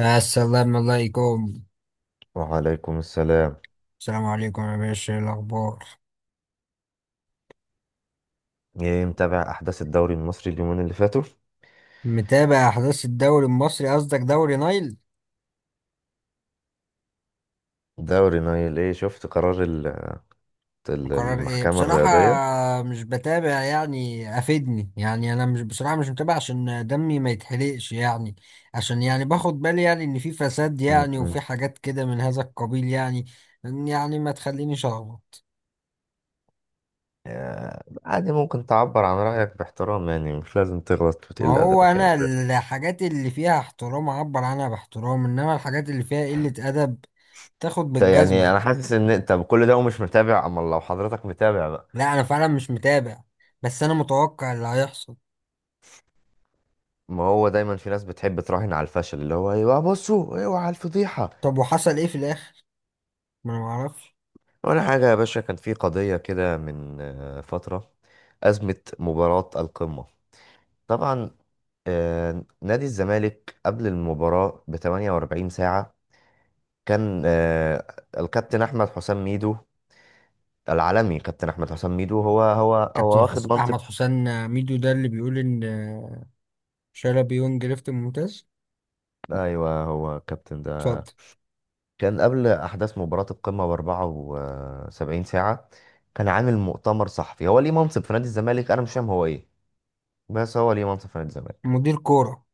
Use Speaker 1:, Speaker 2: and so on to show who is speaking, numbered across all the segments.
Speaker 1: السلام عليكم.
Speaker 2: وعليكم السلام.
Speaker 1: السلام عليكم يا باشا، إيه الأخبار؟
Speaker 2: ايه، متابع احداث الدوري المصري اليومين اللي فاتوا؟
Speaker 1: متابع أحداث الدوري المصري؟ قصدك دوري نايل.
Speaker 2: دوري نايل. ايه، شفت قرار
Speaker 1: قرار إيه
Speaker 2: المحكمة
Speaker 1: بصراحة؟
Speaker 2: الرياضية؟
Speaker 1: مش بتابع، يعني أفيدني يعني. أنا مش، بصراحة مش متابع عشان دمي ما يتحرقش يعني. عشان يعني باخد بالي يعني إن في فساد
Speaker 2: م-
Speaker 1: يعني وفي
Speaker 2: م.
Speaker 1: حاجات كده من هذا القبيل يعني. يعني ما تخلينيش أغلط.
Speaker 2: آه، عادي، ممكن تعبر عن رأيك باحترام. يعني مش لازم تغلط
Speaker 1: ما
Speaker 2: وتقل
Speaker 1: هو
Speaker 2: أدبك،
Speaker 1: أنا
Speaker 2: يعني بس.
Speaker 1: الحاجات اللي فيها احترام أعبر عنها باحترام، إنما الحاجات اللي فيها قلة أدب تاخد
Speaker 2: يعني
Speaker 1: بالجزمة.
Speaker 2: أنا حاسس إن أنت بكل ده ومش متابع. أما لو حضرتك متابع بقى،
Speaker 1: لا، انا فعلا مش متابع، بس انا متوقع اللي هيحصل.
Speaker 2: ما هو دايما في ناس بتحب تراهن على الفشل، اللي هو أيوه، بصوا، أيوه على الفضيحة.
Speaker 1: طب وحصل ايه في الاخر؟ ما انا معرفش.
Speaker 2: ولا حاجة يا باشا، كان في قضية كده من فترة. أزمة مباراة القمة. طبعا. نادي الزمالك قبل المباراة ب 48 ساعة، كان الكابتن أحمد حسام ميدو العالمي. كابتن أحمد حسام ميدو هو
Speaker 1: كابتن
Speaker 2: واخد
Speaker 1: حسن
Speaker 2: منصب.
Speaker 1: احمد حسام ميدو ده اللي بيقول ان شلبي يونج ليفت ممتاز.
Speaker 2: أيوه، هو الكابتن ده.
Speaker 1: اتفضل.
Speaker 2: كان قبل أحداث مباراة القمة ب 74 ساعة، كان عامل مؤتمر صحفي. هو ليه منصب في نادي الزمالك؟ أنا مش فاهم هو إيه، بس هو ليه منصب في نادي الزمالك؟
Speaker 1: مدير كورة.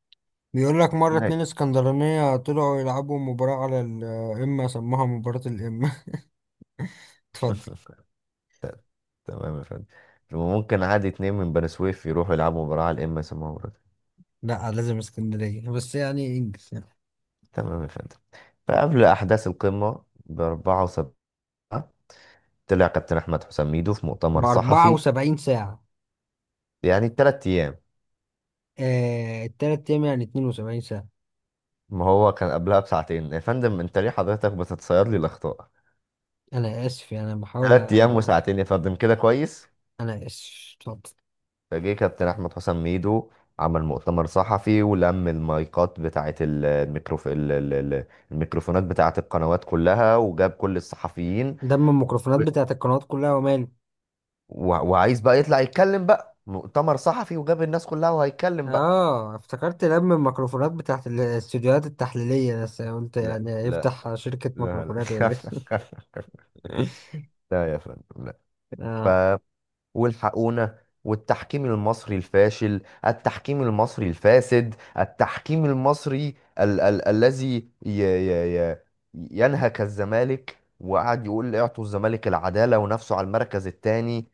Speaker 1: بيقول لك مرة اتنين
Speaker 2: أيوة.
Speaker 1: اسكندرانية طلعوا يلعبوا مباراة على القمة سموها مباراة القمة. اتفضل.
Speaker 2: ت- تمام يا فندم. ممكن عادي اتنين من بني سويف يروحوا يلعبوا مباراة على الام اس ام.
Speaker 1: لا، لازم اسكندرية بس، يعني انجز يعني.
Speaker 2: تمام يا فندم. فقبل أحداث القمة بأربعة وسبعة، طلع كابتن أحمد حسام ميدو في مؤتمر
Speaker 1: بأربعة
Speaker 2: صحفي.
Speaker 1: وسبعين ساعة
Speaker 2: يعني 3 أيام.
Speaker 1: آه، التلات أيام يعني 72 ساعة.
Speaker 2: ما هو كان قبلها بساعتين يا فندم، أنت ليه حضرتك بتتصير لي الأخطاء؟
Speaker 1: أنا آسف، يعني أنا بحاول
Speaker 2: تلات أيام
Speaker 1: أ-
Speaker 2: وساعتين يا فندم، كده كويس.
Speaker 1: أنا آسف، اتفضل.
Speaker 2: فجه كابتن أحمد حسام ميدو، عمل مؤتمر صحفي ولم المايكات بتاعة الميكروفونات بتاعة القنوات كلها، وجاب كل الصحفيين.
Speaker 1: دم الميكروفونات بتاعت القنوات كلها وماله؟
Speaker 2: و... وعايز بقى يطلع يتكلم، بقى مؤتمر صحفي وجاب الناس كلها وهيتكلم بقى.
Speaker 1: اه، افتكرت دم الميكروفونات بتاعت الاستوديوهات التحليلية، بس قلت
Speaker 2: لا،
Speaker 1: يعني
Speaker 2: لا.
Speaker 1: يفتح شركة
Speaker 2: لا لا
Speaker 1: ميكروفونات ولا
Speaker 2: خف
Speaker 1: ايه؟
Speaker 2: خف خف. لا يا فندم، لا. ف
Speaker 1: اه.
Speaker 2: والحقونا! والتحكيم المصري الفاشل، التحكيم المصري الفاسد، التحكيم المصري ال ال الذي ي ي ي ينهك الزمالك، وقعد يقول اعطوا الزمالك العدالة ونفسه على المركز الثاني.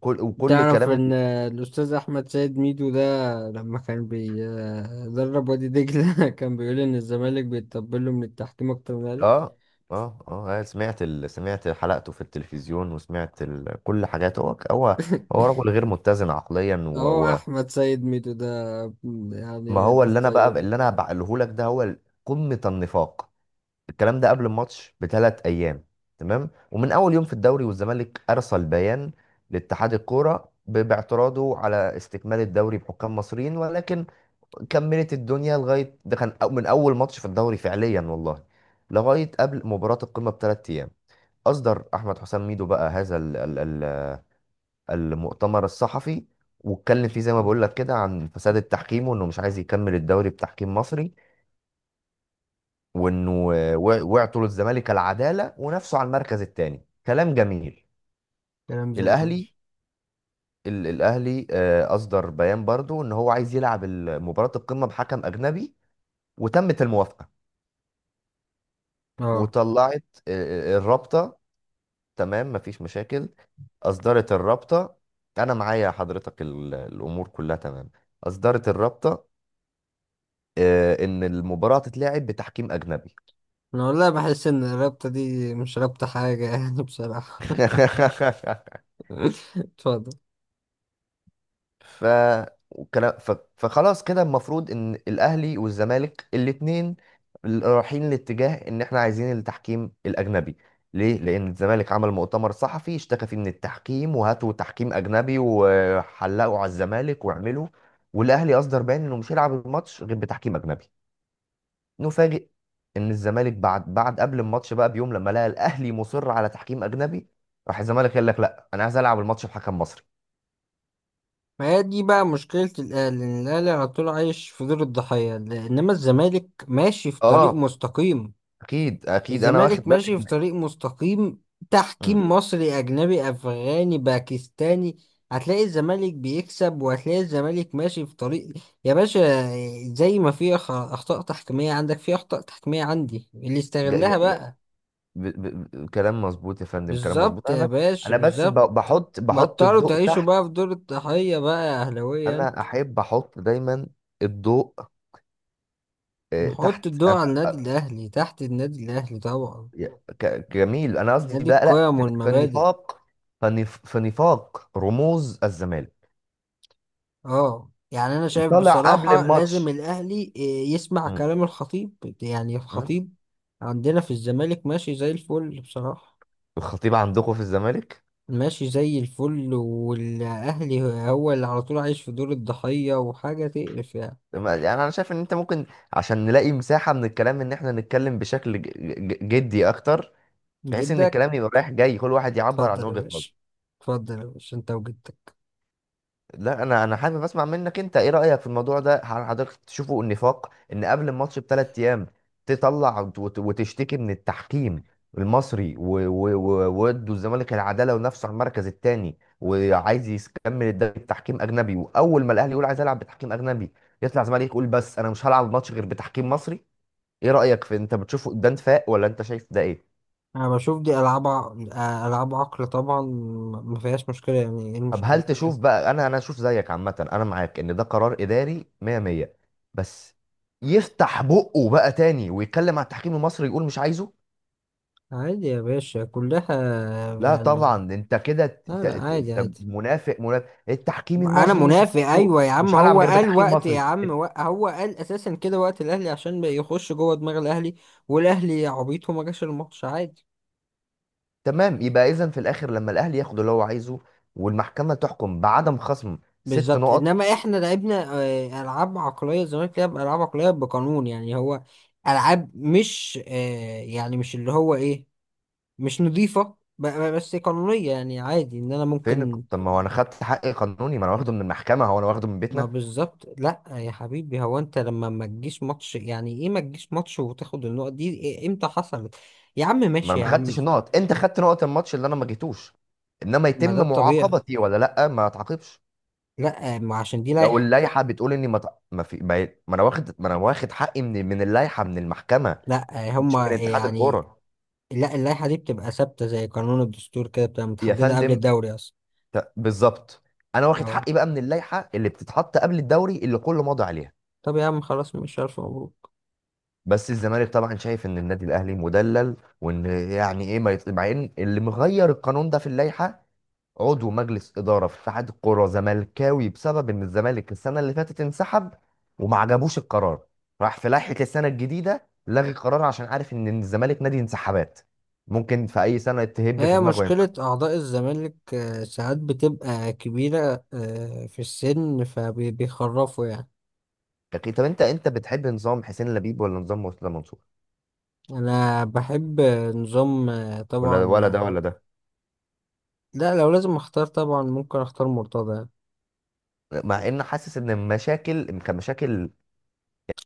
Speaker 2: كل
Speaker 1: تعرف
Speaker 2: كلام
Speaker 1: ان الاستاذ احمد سيد ميدو ده لما كان بيدرب وادي دجلة كان بيقول ان الزمالك بيتطبل له من التحكيم اكتر من الاهلي.
Speaker 2: اه، اه سمعت سمعت حلقته في التلفزيون، وسمعت كل حاجاته. هو هو رجل غير متزن عقليا
Speaker 1: هو احمد سيد ميدو ده،
Speaker 2: ما
Speaker 1: يعني
Speaker 2: هو
Speaker 1: ناس
Speaker 2: اللي انا بقى،
Speaker 1: طيبة.
Speaker 2: اللي انا بقوله لك ده هو قمة النفاق. الكلام ده قبل الماتش ب3 ايام. تمام، ومن اول يوم في الدوري والزمالك ارسل بيان لاتحاد الكوره باعتراضه على استكمال الدوري بحكام مصريين، ولكن كملت الدنيا. لغايه ده كان من اول ماتش في الدوري فعليا والله، لغايه قبل مباراه القمه ب3 ايام، اصدر احمد حسام ميدو بقى هذا المؤتمر الصحفي، واتكلم فيه زي ما بقول لك كده عن فساد التحكيم، وانه مش عايز يكمل الدوري بتحكيم مصري، وانه وع- وعطوا للزمالك العداله ونافسوا على المركز الثاني. كلام جميل.
Speaker 1: كلام زي
Speaker 2: الاهلي،
Speaker 1: الفل.
Speaker 2: الاهلي اصدر بيان برضو ان هو عايز يلعب مباراه القمه بحكم اجنبي. وتمت الموافقه.
Speaker 1: اه،
Speaker 2: وطلعت الرابطه. تمام، مفيش مشاكل. اصدرت الرابطه. انا معايا حضرتك الامور كلها تمام. اصدرت الرابطه ان المباراه تتلعب بتحكيم اجنبي.
Speaker 1: انا والله بحس ان الرابطة دي مش رابطة حاجة يعني بصراحة. اتفضل.
Speaker 2: ف وكلا- ف- فخلاص كده، المفروض ان الاهلي والزمالك الاتنين رايحين لاتجاه ان احنا عايزين التحكيم الاجنبي. ليه؟ لان الزمالك عمل مؤتمر صحفي اشتكى فيه من التحكيم، وهاتوا تحكيم اجنبي وحلقوا على الزمالك واعملوا. والاهلي اصدر بيان انه مش هيلعب الماتش غير بتحكيم اجنبي. نفاجئ ان الزمالك بعد قبل الماتش بقى بيوم، لما لقى الاهلي مصر على تحكيم اجنبي، راح الزمالك قال لك: لا، انا عايز العب الماتش بحكم مصري.
Speaker 1: ما هي دي بقى مشكلة الأهلي، إن الأهلي على طول عايش في دور الضحية، إنما الزمالك ماشي في طريق
Speaker 2: اه،
Speaker 1: مستقيم.
Speaker 2: اكيد انا واخد
Speaker 1: الزمالك
Speaker 2: بالي
Speaker 1: ماشي في
Speaker 2: ان...
Speaker 1: طريق مستقيم،
Speaker 2: مم.
Speaker 1: تحكيم مصري أجنبي أفغاني باكستاني. هتلاقي الزمالك بيكسب، وهتلاقي الزمالك ماشي في طريق، يا باشا. زي ما في أخطاء تحكيمية عندك، في أخطاء تحكيمية عندي اللي
Speaker 2: ج... ج...
Speaker 1: استغلها
Speaker 2: ج...
Speaker 1: بقى.
Speaker 2: ب... ب... ب- كلام مظبوط يا فندم، كلام مظبوط.
Speaker 1: بالظبط
Speaker 2: انا
Speaker 1: يا
Speaker 2: بس،
Speaker 1: باشا،
Speaker 2: انا بس
Speaker 1: بالظبط.
Speaker 2: بحط
Speaker 1: بطلوا
Speaker 2: الضوء
Speaker 1: تعيشوا بقى في
Speaker 2: تحت.
Speaker 1: دور الضحية بقى يا أهلاوية.
Speaker 2: انا احب احط دايما الضوء
Speaker 1: نحط
Speaker 2: تحت.
Speaker 1: الضوء على النادي الأهلي، تحت النادي الأهلي طبعا.
Speaker 2: جميل. انا قصدي
Speaker 1: نادي
Speaker 2: بقى، لا،
Speaker 1: القيم
Speaker 2: في
Speaker 1: والمبادئ.
Speaker 2: النفاق، في نفاق رموز الزمالك.
Speaker 1: اه، يعني أنا شايف
Speaker 2: طالع قبل
Speaker 1: بصراحة لازم
Speaker 2: الماتش.
Speaker 1: الأهلي يسمع
Speaker 2: مم.
Speaker 1: كلام الخطيب. يعني
Speaker 2: مم.
Speaker 1: الخطيب عندنا في الزمالك ماشي زي الفل بصراحة.
Speaker 2: الخطيب عندكم في الزمالك؟
Speaker 1: ماشي زي الفل. والأهلي هو اللي على طول عايش في دور الضحية، وحاجة تقرف يعني.
Speaker 2: يعني انا شايف ان انت ممكن، عشان نلاقي مساحة من الكلام، ان احنا نتكلم بشكل جدي اكتر، بحيث ان
Speaker 1: جدك؟
Speaker 2: الكلام يبقى رايح جاي، كل واحد يعبر عن
Speaker 1: اتفضل يا
Speaker 2: وجهة
Speaker 1: باشا.
Speaker 2: نظره.
Speaker 1: اتفضل يا باشا انت وجدك.
Speaker 2: لا، انا حابب اسمع منك انت. ايه رايك في الموضوع ده؟ هل حضرتك تشوفه النفاق، ان قبل الماتش ب3 ايام تطلع وتشتكي من التحكيم المصري، و- و- و- وودوا الزمالك العداله ونفسه على المركز الثاني، وعايز يكمل الدوري بتحكيم اجنبي، واول ما الاهلي يقول عايز العب بتحكيم اجنبي يطلع الزمالك يقول بس انا مش هلعب الماتش غير بتحكيم مصري؟ ايه رايك، في، انت بتشوفه ده نفاق ولا انت شايف ده ايه؟
Speaker 1: أنا بشوف دي ألعاب ألعاب عقل طبعا. ما فيهاش مشكلة، يعني ايه
Speaker 2: طب هل
Speaker 1: المشكلة؟
Speaker 2: تشوف بقى، انا اشوف زيك. عامه انا معاك ان ده قرار اداري 100 100. بس يفتح بقه بقى تاني ويتكلم على التحكيم المصري يقول مش عايزه.
Speaker 1: عادي يا باشا، كلها
Speaker 2: لا
Speaker 1: يعني.
Speaker 2: طبعا، ده انت كده
Speaker 1: لا لا، عادي
Speaker 2: انت
Speaker 1: عادي.
Speaker 2: منافق، منافق. التحكيم
Speaker 1: انا
Speaker 2: المصري مش
Speaker 1: منافق،
Speaker 2: هحطه،
Speaker 1: ايوه يا عم،
Speaker 2: مش هلعب
Speaker 1: هو
Speaker 2: غير
Speaker 1: قال
Speaker 2: بتحكيم
Speaker 1: وقت يا
Speaker 2: مصري.
Speaker 1: عم، هو قال اساسا كده وقت الاهلي عشان ما يخش جوه دماغ الاهلي. والاهلي عبيط وما جاش الماتش، عادي.
Speaker 2: تمام، يبقى اذا في الاخر لما الاهلي ياخد اللي هو عايزه، والمحكمه تحكم بعدم خصم ست
Speaker 1: بالظبط،
Speaker 2: نقط
Speaker 1: انما احنا لعبنا العاب عقليه، الزمالك لعب العاب عقليه بقانون يعني. هو العاب مش يعني مش اللي هو ايه، مش نظيفه، بس قانونيه يعني، عادي ان انا
Speaker 2: فين؟
Speaker 1: ممكن.
Speaker 2: طب ما هو انا خدت حقي قانوني، ما انا واخده من المحكمه، هو انا واخده من
Speaker 1: ما
Speaker 2: بيتنا؟
Speaker 1: بالظبط، لا يا حبيبي، هو انت لما ما تجيش ماتش يعني ايه ما تجيش ماتش وتاخد النقط دي؟ امتى حصلت؟ يا عم
Speaker 2: ما
Speaker 1: ماشي
Speaker 2: انا
Speaker 1: يا
Speaker 2: ما
Speaker 1: عم.
Speaker 2: خدتش النقط، انت خدت نقط الماتش اللي انا ما جيتوش، انما
Speaker 1: ما ده
Speaker 2: يتم
Speaker 1: الطبيعي.
Speaker 2: معاقبتي ولا لا؟ ما اتعاقبش.
Speaker 1: لا، ما عشان دي
Speaker 2: لو
Speaker 1: لائحة.
Speaker 2: اللائحه بتقول اني ما في ما انا واخد، ما انا واخد حقي من اللائحه، من المحكمه،
Speaker 1: لا،
Speaker 2: مش
Speaker 1: هما
Speaker 2: من اتحاد
Speaker 1: يعني.
Speaker 2: الكوره.
Speaker 1: لا، اللائحة دي بتبقى ثابتة زي قانون الدستور كده، بتبقى
Speaker 2: يا
Speaker 1: متحددة قبل
Speaker 2: فندم،
Speaker 1: الدوري اصلا.
Speaker 2: بالظبط. انا واخد
Speaker 1: اهو.
Speaker 2: حقي بقى من اللائحه اللي بتتحط قبل الدوري، اللي كله ماضي عليها.
Speaker 1: طب يا عم خلاص، مش عارف، مبروك.
Speaker 2: بس الزمالك طبعا شايف ان النادي الاهلي مدلل، وان يعني ايه ما يط... مع ان اللي مغير القانون ده في اللائحه عضو مجلس إدارة في اتحاد الكرة زملكاوي، بسبب إن الزمالك السنة اللي فاتت انسحب وما عجبوش القرار، راح في لائحة السنة الجديدة لغي القرار، عشان عارف إن الزمالك نادي انسحابات، ممكن في أي سنة تهب في
Speaker 1: هي
Speaker 2: دماغه ينسحب.
Speaker 1: مشكلة أعضاء الزمالك ساعات بتبقى كبيرة في السن فبيخرفوا يعني.
Speaker 2: أكيد. طب، أنت بتحب نظام حسين لبيب ولا نظام مرتضى منصور؟
Speaker 1: انا بحب نظام
Speaker 2: ولا
Speaker 1: طبعا
Speaker 2: ولا ده ولا ده؟
Speaker 1: لا، لو لازم اختار طبعا ممكن اختار مرتضى.
Speaker 2: مع إن حاسس إن المشاكل كمشاكل،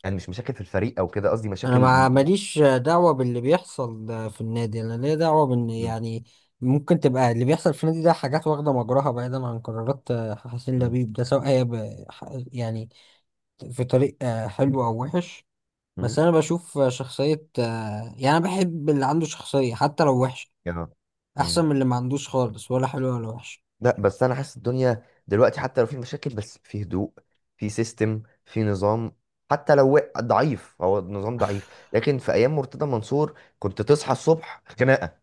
Speaker 2: يعني مش مشاكل في الفريق أو كده، قصدي
Speaker 1: انا
Speaker 2: مشاكل
Speaker 1: ما ماليش دعوة باللي بيحصل في النادي، انا ليا دعوة بان
Speaker 2: م...
Speaker 1: يعني ممكن تبقى اللي بيحصل في النادي ده حاجات واخدة مجراها، بعيدا عن قرارات
Speaker 2: م...
Speaker 1: حسين
Speaker 2: م...
Speaker 1: لبيب ده، سواء هي يعني في طريق حلو او وحش.
Speaker 2: م...
Speaker 1: بس انا بشوف شخصية يعني انا بحب اللي عنده شخصية حتى لو وحش.
Speaker 2: يا- م...
Speaker 1: احسن من اللي ما عندوش خالص، ولا حلو ولا وحش.
Speaker 2: لا، بس انا حاسس الدنيا دلوقتي حتى لو في مشاكل بس في هدوء، في سيستم، في نظام. حتى لو ضعيف، هو النظام ضعيف، لكن في ايام مرتضى منصور كنت تصحى الصبح خناقه،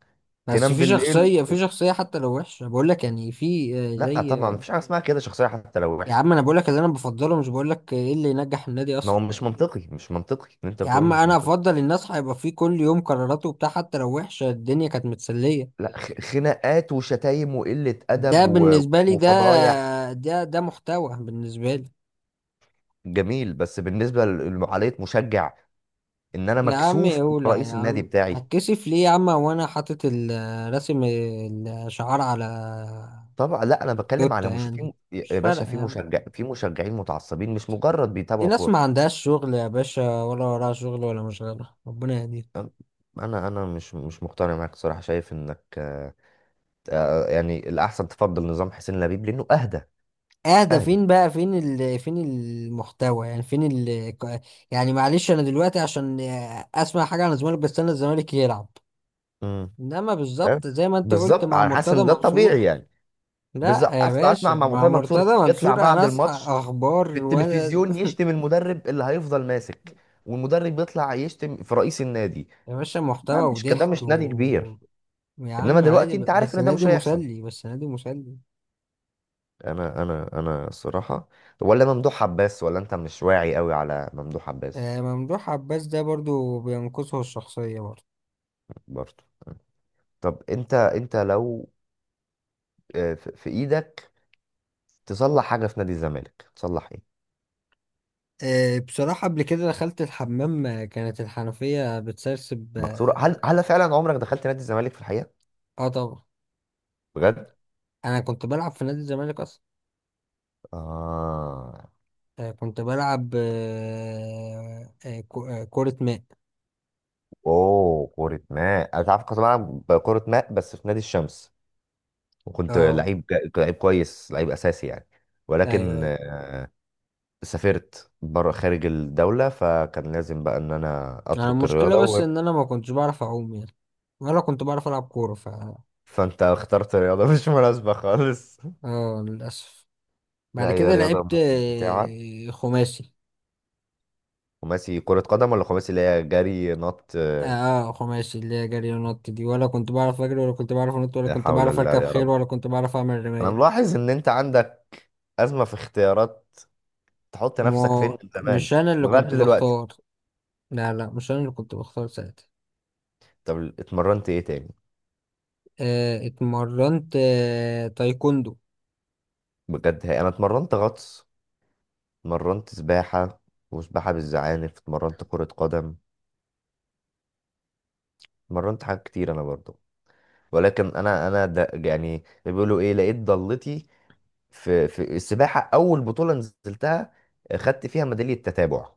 Speaker 1: بس
Speaker 2: تنام
Speaker 1: في
Speaker 2: بالليل.
Speaker 1: شخصية، في شخصية حتى لو وحشة، بقول لك يعني، في
Speaker 2: لا
Speaker 1: زي
Speaker 2: طبعا، مفيش حاجه اسمها كده شخصيه حتى لو
Speaker 1: يا
Speaker 2: وحشه.
Speaker 1: عم انا بقول لك اللي انا بفضله، مش بقول لك ايه اللي ينجح النادي
Speaker 2: ما
Speaker 1: اصلا.
Speaker 2: هو مش منطقي، مش منطقي اللي انت
Speaker 1: يا
Speaker 2: بتقوله،
Speaker 1: عم
Speaker 2: مش
Speaker 1: انا
Speaker 2: منطقي.
Speaker 1: افضل الناس هيبقى في كل يوم قراراته وبتاع، حتى لو وحشة الدنيا كانت متسلية.
Speaker 2: لا، خناقات وشتايم وقله
Speaker 1: ده
Speaker 2: ادب
Speaker 1: بالنسبة لي، ده
Speaker 2: وفضايح.
Speaker 1: ده ده محتوى بالنسبة لي.
Speaker 2: جميل. بس بالنسبه لعمليه مشجع، ان انا
Speaker 1: يا عم
Speaker 2: مكسوف من
Speaker 1: يولع يا
Speaker 2: رئيس النادي
Speaker 1: عم،
Speaker 2: بتاعي.
Speaker 1: هتكسف ليه يا عم وانا حاطط راسم الشعار على
Speaker 2: طبعا، لا انا بتكلم
Speaker 1: توتة
Speaker 2: على، مش
Speaker 1: يعني.
Speaker 2: في
Speaker 1: مش
Speaker 2: يا باشا،
Speaker 1: فارقة يا
Speaker 2: في
Speaker 1: عم.
Speaker 2: مشجع، في مشجعين متعصبين، مش مجرد
Speaker 1: دي
Speaker 2: بيتابعوا
Speaker 1: ناس ما
Speaker 2: كوره.
Speaker 1: عندهاش شغل يا باشا، ولا وراها شغل ولا مشغلة، ربنا يهديهم.
Speaker 2: أم- انا مش مقتنع معاك صراحه، شايف انك يعني الاحسن تفضل نظام حسين لبيب لانه اهدى،
Speaker 1: اه ده
Speaker 2: اهدى.
Speaker 1: فين بقى؟ فين فين المحتوى يعني؟ فين ال... ك- يعني معلش، انا دلوقتي عشان اسمع حاجه عن الزمالك بستنى الزمالك يلعب.
Speaker 2: امم
Speaker 1: انما
Speaker 2: فاهم؟
Speaker 1: بالظبط زي ما انت قلت،
Speaker 2: بالظبط،
Speaker 1: مع
Speaker 2: انا حاسس
Speaker 1: مرتضى
Speaker 2: ان ده
Speaker 1: منصور.
Speaker 2: الطبيعي يعني.
Speaker 1: لا
Speaker 2: بالظبط،
Speaker 1: يا
Speaker 2: اسمع
Speaker 1: باشا،
Speaker 2: اسمع مع
Speaker 1: مع
Speaker 2: مرتضى منصور
Speaker 1: مرتضى
Speaker 2: يطلع
Speaker 1: منصور
Speaker 2: بعد
Speaker 1: انا اصحى
Speaker 2: الماتش
Speaker 1: اخبار
Speaker 2: في
Speaker 1: وانا
Speaker 2: التلفزيون يشتم المدرب اللي هيفضل ماسك، والمدرب يطلع يشتم في رئيس النادي.
Speaker 1: يا باشا محتوى
Speaker 2: ده مش كده،
Speaker 1: وضحك
Speaker 2: مش نادي
Speaker 1: و.
Speaker 2: كبير.
Speaker 1: يا
Speaker 2: انما
Speaker 1: عم عادي،
Speaker 2: دلوقتي انت عارف
Speaker 1: بس
Speaker 2: ان ده
Speaker 1: نادي
Speaker 2: مش هيحصل.
Speaker 1: مسلي، بس نادي مسلي.
Speaker 2: انا الصراحه. طب، ولا ممدوح عباس؟ ولا انت مش واعي قوي على ممدوح عباس؟
Speaker 1: آه، ممدوح عباس ده برضو بينقصه الشخصيه برضو.
Speaker 2: برضه. طب، انت لو في ايدك تصلح حاجه في نادي الزمالك، تصلح ايه؟
Speaker 1: بصراحة قبل كده دخلت الحمام، كانت الحنفية بتسرسب
Speaker 2: مكسوره.
Speaker 1: اه.
Speaker 2: هل فعلا عمرك دخلت نادي الزمالك في الحقيقه؟
Speaker 1: آه طبعا.
Speaker 2: بجد؟
Speaker 1: أنا كنت بلعب في نادي الزمالك أصلا.
Speaker 2: اه.
Speaker 1: كنت بلعب كرة ماء.
Speaker 2: اوه، كره ماء! انا تعرف كنت بلعب كره ماء بس في نادي الشمس، وكنت
Speaker 1: اه
Speaker 2: لعيب لعيب كويس، لعيب اساسي يعني.
Speaker 1: أيوه
Speaker 2: ولكن
Speaker 1: أيوه.
Speaker 2: سافرت بره خارج الدولة، فكان لازم بقى ان انا
Speaker 1: أنا
Speaker 2: اترك
Speaker 1: المشكلة
Speaker 2: الرياضة.
Speaker 1: بس إن أنا ما كنتش بعرف أعوم يعني، ولا كنت بعرف ألعب كورة ف.
Speaker 2: فانت اخترت رياضة مش مناسبة خالص.
Speaker 1: اه، للأسف.
Speaker 2: لا،
Speaker 1: بعد
Speaker 2: هي
Speaker 1: كده
Speaker 2: رياضة
Speaker 1: لعبت
Speaker 2: ممتعة.
Speaker 1: خماسي.
Speaker 2: خماسي كرة قدم ولا خماسي اللي هي جري نط
Speaker 1: اه، خماسي اللي هي جري ونط دي، ولا كنت بعرف أجري ولا كنت بعرف أنط ولا
Speaker 2: لا
Speaker 1: كنت
Speaker 2: حول
Speaker 1: بعرف
Speaker 2: الله
Speaker 1: أركب
Speaker 2: يا
Speaker 1: خيل
Speaker 2: رب!
Speaker 1: ولا كنت بعرف أعمل
Speaker 2: انا
Speaker 1: رماية.
Speaker 2: ملاحظ ان انت عندك أزمة في اختيارات، تحط
Speaker 1: ما
Speaker 2: نفسك فين
Speaker 1: هو
Speaker 2: من زمان
Speaker 1: مش انا اللي
Speaker 2: لغاية
Speaker 1: كنت
Speaker 2: دلوقتي.
Speaker 1: بختار. لا لا، مش انا اللي كنت بختار ساعتها.
Speaker 2: طب، اتمرنت ايه تاني؟
Speaker 1: اتمرنت تايكوندو.
Speaker 2: بجد؟ هي انا اتمرنت غطس، اتمرنت سباحة وسباحة بالزعانف، اتمرنت كرة قدم، اتمرنت حاجات كتير انا برضو. ولكن انا ده يعني، بيقولوا ايه، لقيت ضالتي في السباحة. أول بطولة نزلتها، خدت فيها ميدالية تتابع،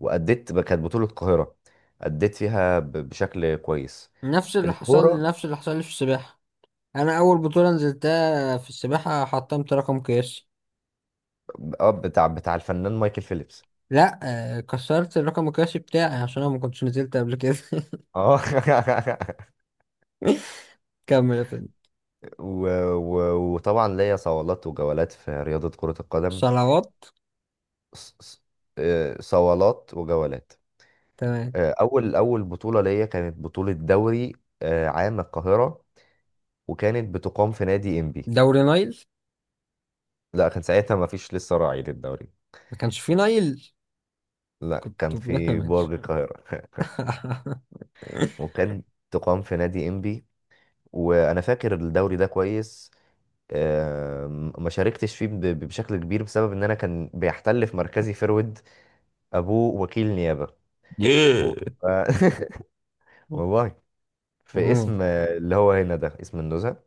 Speaker 2: وأديت كانت بطولة القاهرة، أديت فيها بشكل كويس.
Speaker 1: نفس اللي حصل لي،
Speaker 2: الكورة.
Speaker 1: نفس اللي حصل لي في السباحة. انا اول بطولة نزلتها في السباحة حطمت رقم قياسي.
Speaker 2: اه، بتاع الفنان مايكل فيليبس؟
Speaker 1: لا، كسرت الرقم القياسي بتاعي عشان انا ما كنتش نزلت قبل كده.
Speaker 2: اه.
Speaker 1: كمل يا فندم.
Speaker 2: و... و... وطبعا ليا صوالات وجولات في رياضة كرة القدم.
Speaker 1: صلوات.
Speaker 2: ص- ص- صوالات وجولات.
Speaker 1: تمام.
Speaker 2: أول بطولة ليا كانت بطولة دوري، عام القاهرة، وكانت بتقام في نادي إنبي.
Speaker 1: دوري نايل.
Speaker 2: لا، كان ساعتها ما فيش لسه راعي للدوري.
Speaker 1: ما كانش فيه نايل.
Speaker 2: لا،
Speaker 1: كنت
Speaker 2: كان في
Speaker 1: ماشي.
Speaker 2: برج القاهرة. وكان تقام في نادي إنبي، وأنا فاكر الدوري ده كويس. ما شاركتش فيه بشكل كبير، بسبب إن أنا كان بيحتل في مركزي فيرود، أبوه وكيل نيابة، و- ف- والله، في اسم اللي هو هنا ده، اسم النزهة.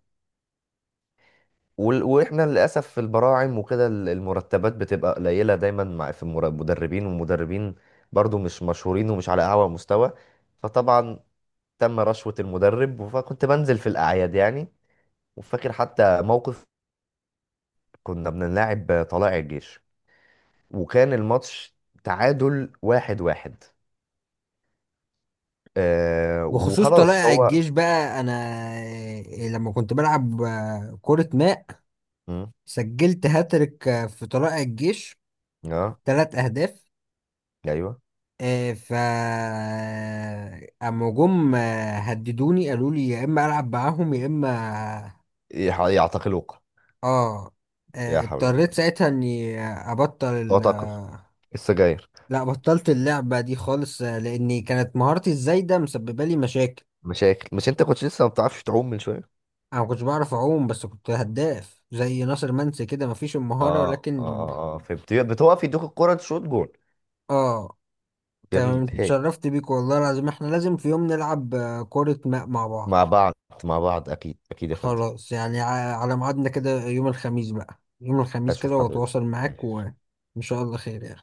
Speaker 2: وال- واحنا للاسف في البراعم وكده المرتبات بتبقى قليله دايما، مع في المدربين، والمدربين برضو مش مشهورين، ومش على اعلى مستوى. فطبعا تم رشوة المدرب، فكنت بنزل في الأعياد يعني. وفاكر حتى موقف، كنا بنلاعب طلائع الجيش، وكان الماتش تعادل 1-1.
Speaker 1: بخصوص
Speaker 2: وخلاص
Speaker 1: طلائع
Speaker 2: هو...
Speaker 1: الجيش بقى، انا لما كنت بلعب كرة ماء
Speaker 2: مم.
Speaker 1: سجلت هاتريك في طلائع الجيش،
Speaker 2: اه،
Speaker 1: 3 اهداف.
Speaker 2: ايوه.
Speaker 1: آه، ف اما جم هددوني قالوا لي يا اما العب معاهم يا اما.
Speaker 2: يعتقلوك؟
Speaker 1: اه،
Speaker 2: يا حول
Speaker 1: اضطريت
Speaker 2: الله!
Speaker 1: ساعتها اني ابطل
Speaker 2: هو تعتقل السجاير؟
Speaker 1: لا بطلت اللعبة دي خالص، لاني كانت مهارتي الزايدة مسببة لي مشاكل.
Speaker 2: مشاكل؟ مش انت كنت لسه ما بتعرفش تعوم من شويه؟
Speaker 1: انا ما كنتش بعرف اعوم، بس كنت هداف زي ناصر منسي كده، مفيش المهارة
Speaker 2: اه اه
Speaker 1: ولكن.
Speaker 2: اه اه فهمت، بتوقف يدوك الكرة تشوط جول.
Speaker 1: اه. تمام،
Speaker 2: جميل، هيك.
Speaker 1: اتشرفت بيك والله العظيم، احنا لازم في يوم نلعب كرة ماء مع بعض.
Speaker 2: مع بعض، مع بعض. اكيد يا فندم.
Speaker 1: خلاص يعني، على ميعادنا كده يوم الخميس بقى، يوم الخميس
Speaker 2: اشوف
Speaker 1: كده
Speaker 2: حضرتك.
Speaker 1: واتواصل معاك،
Speaker 2: ماشي.
Speaker 1: وان شاء الله خير يعني.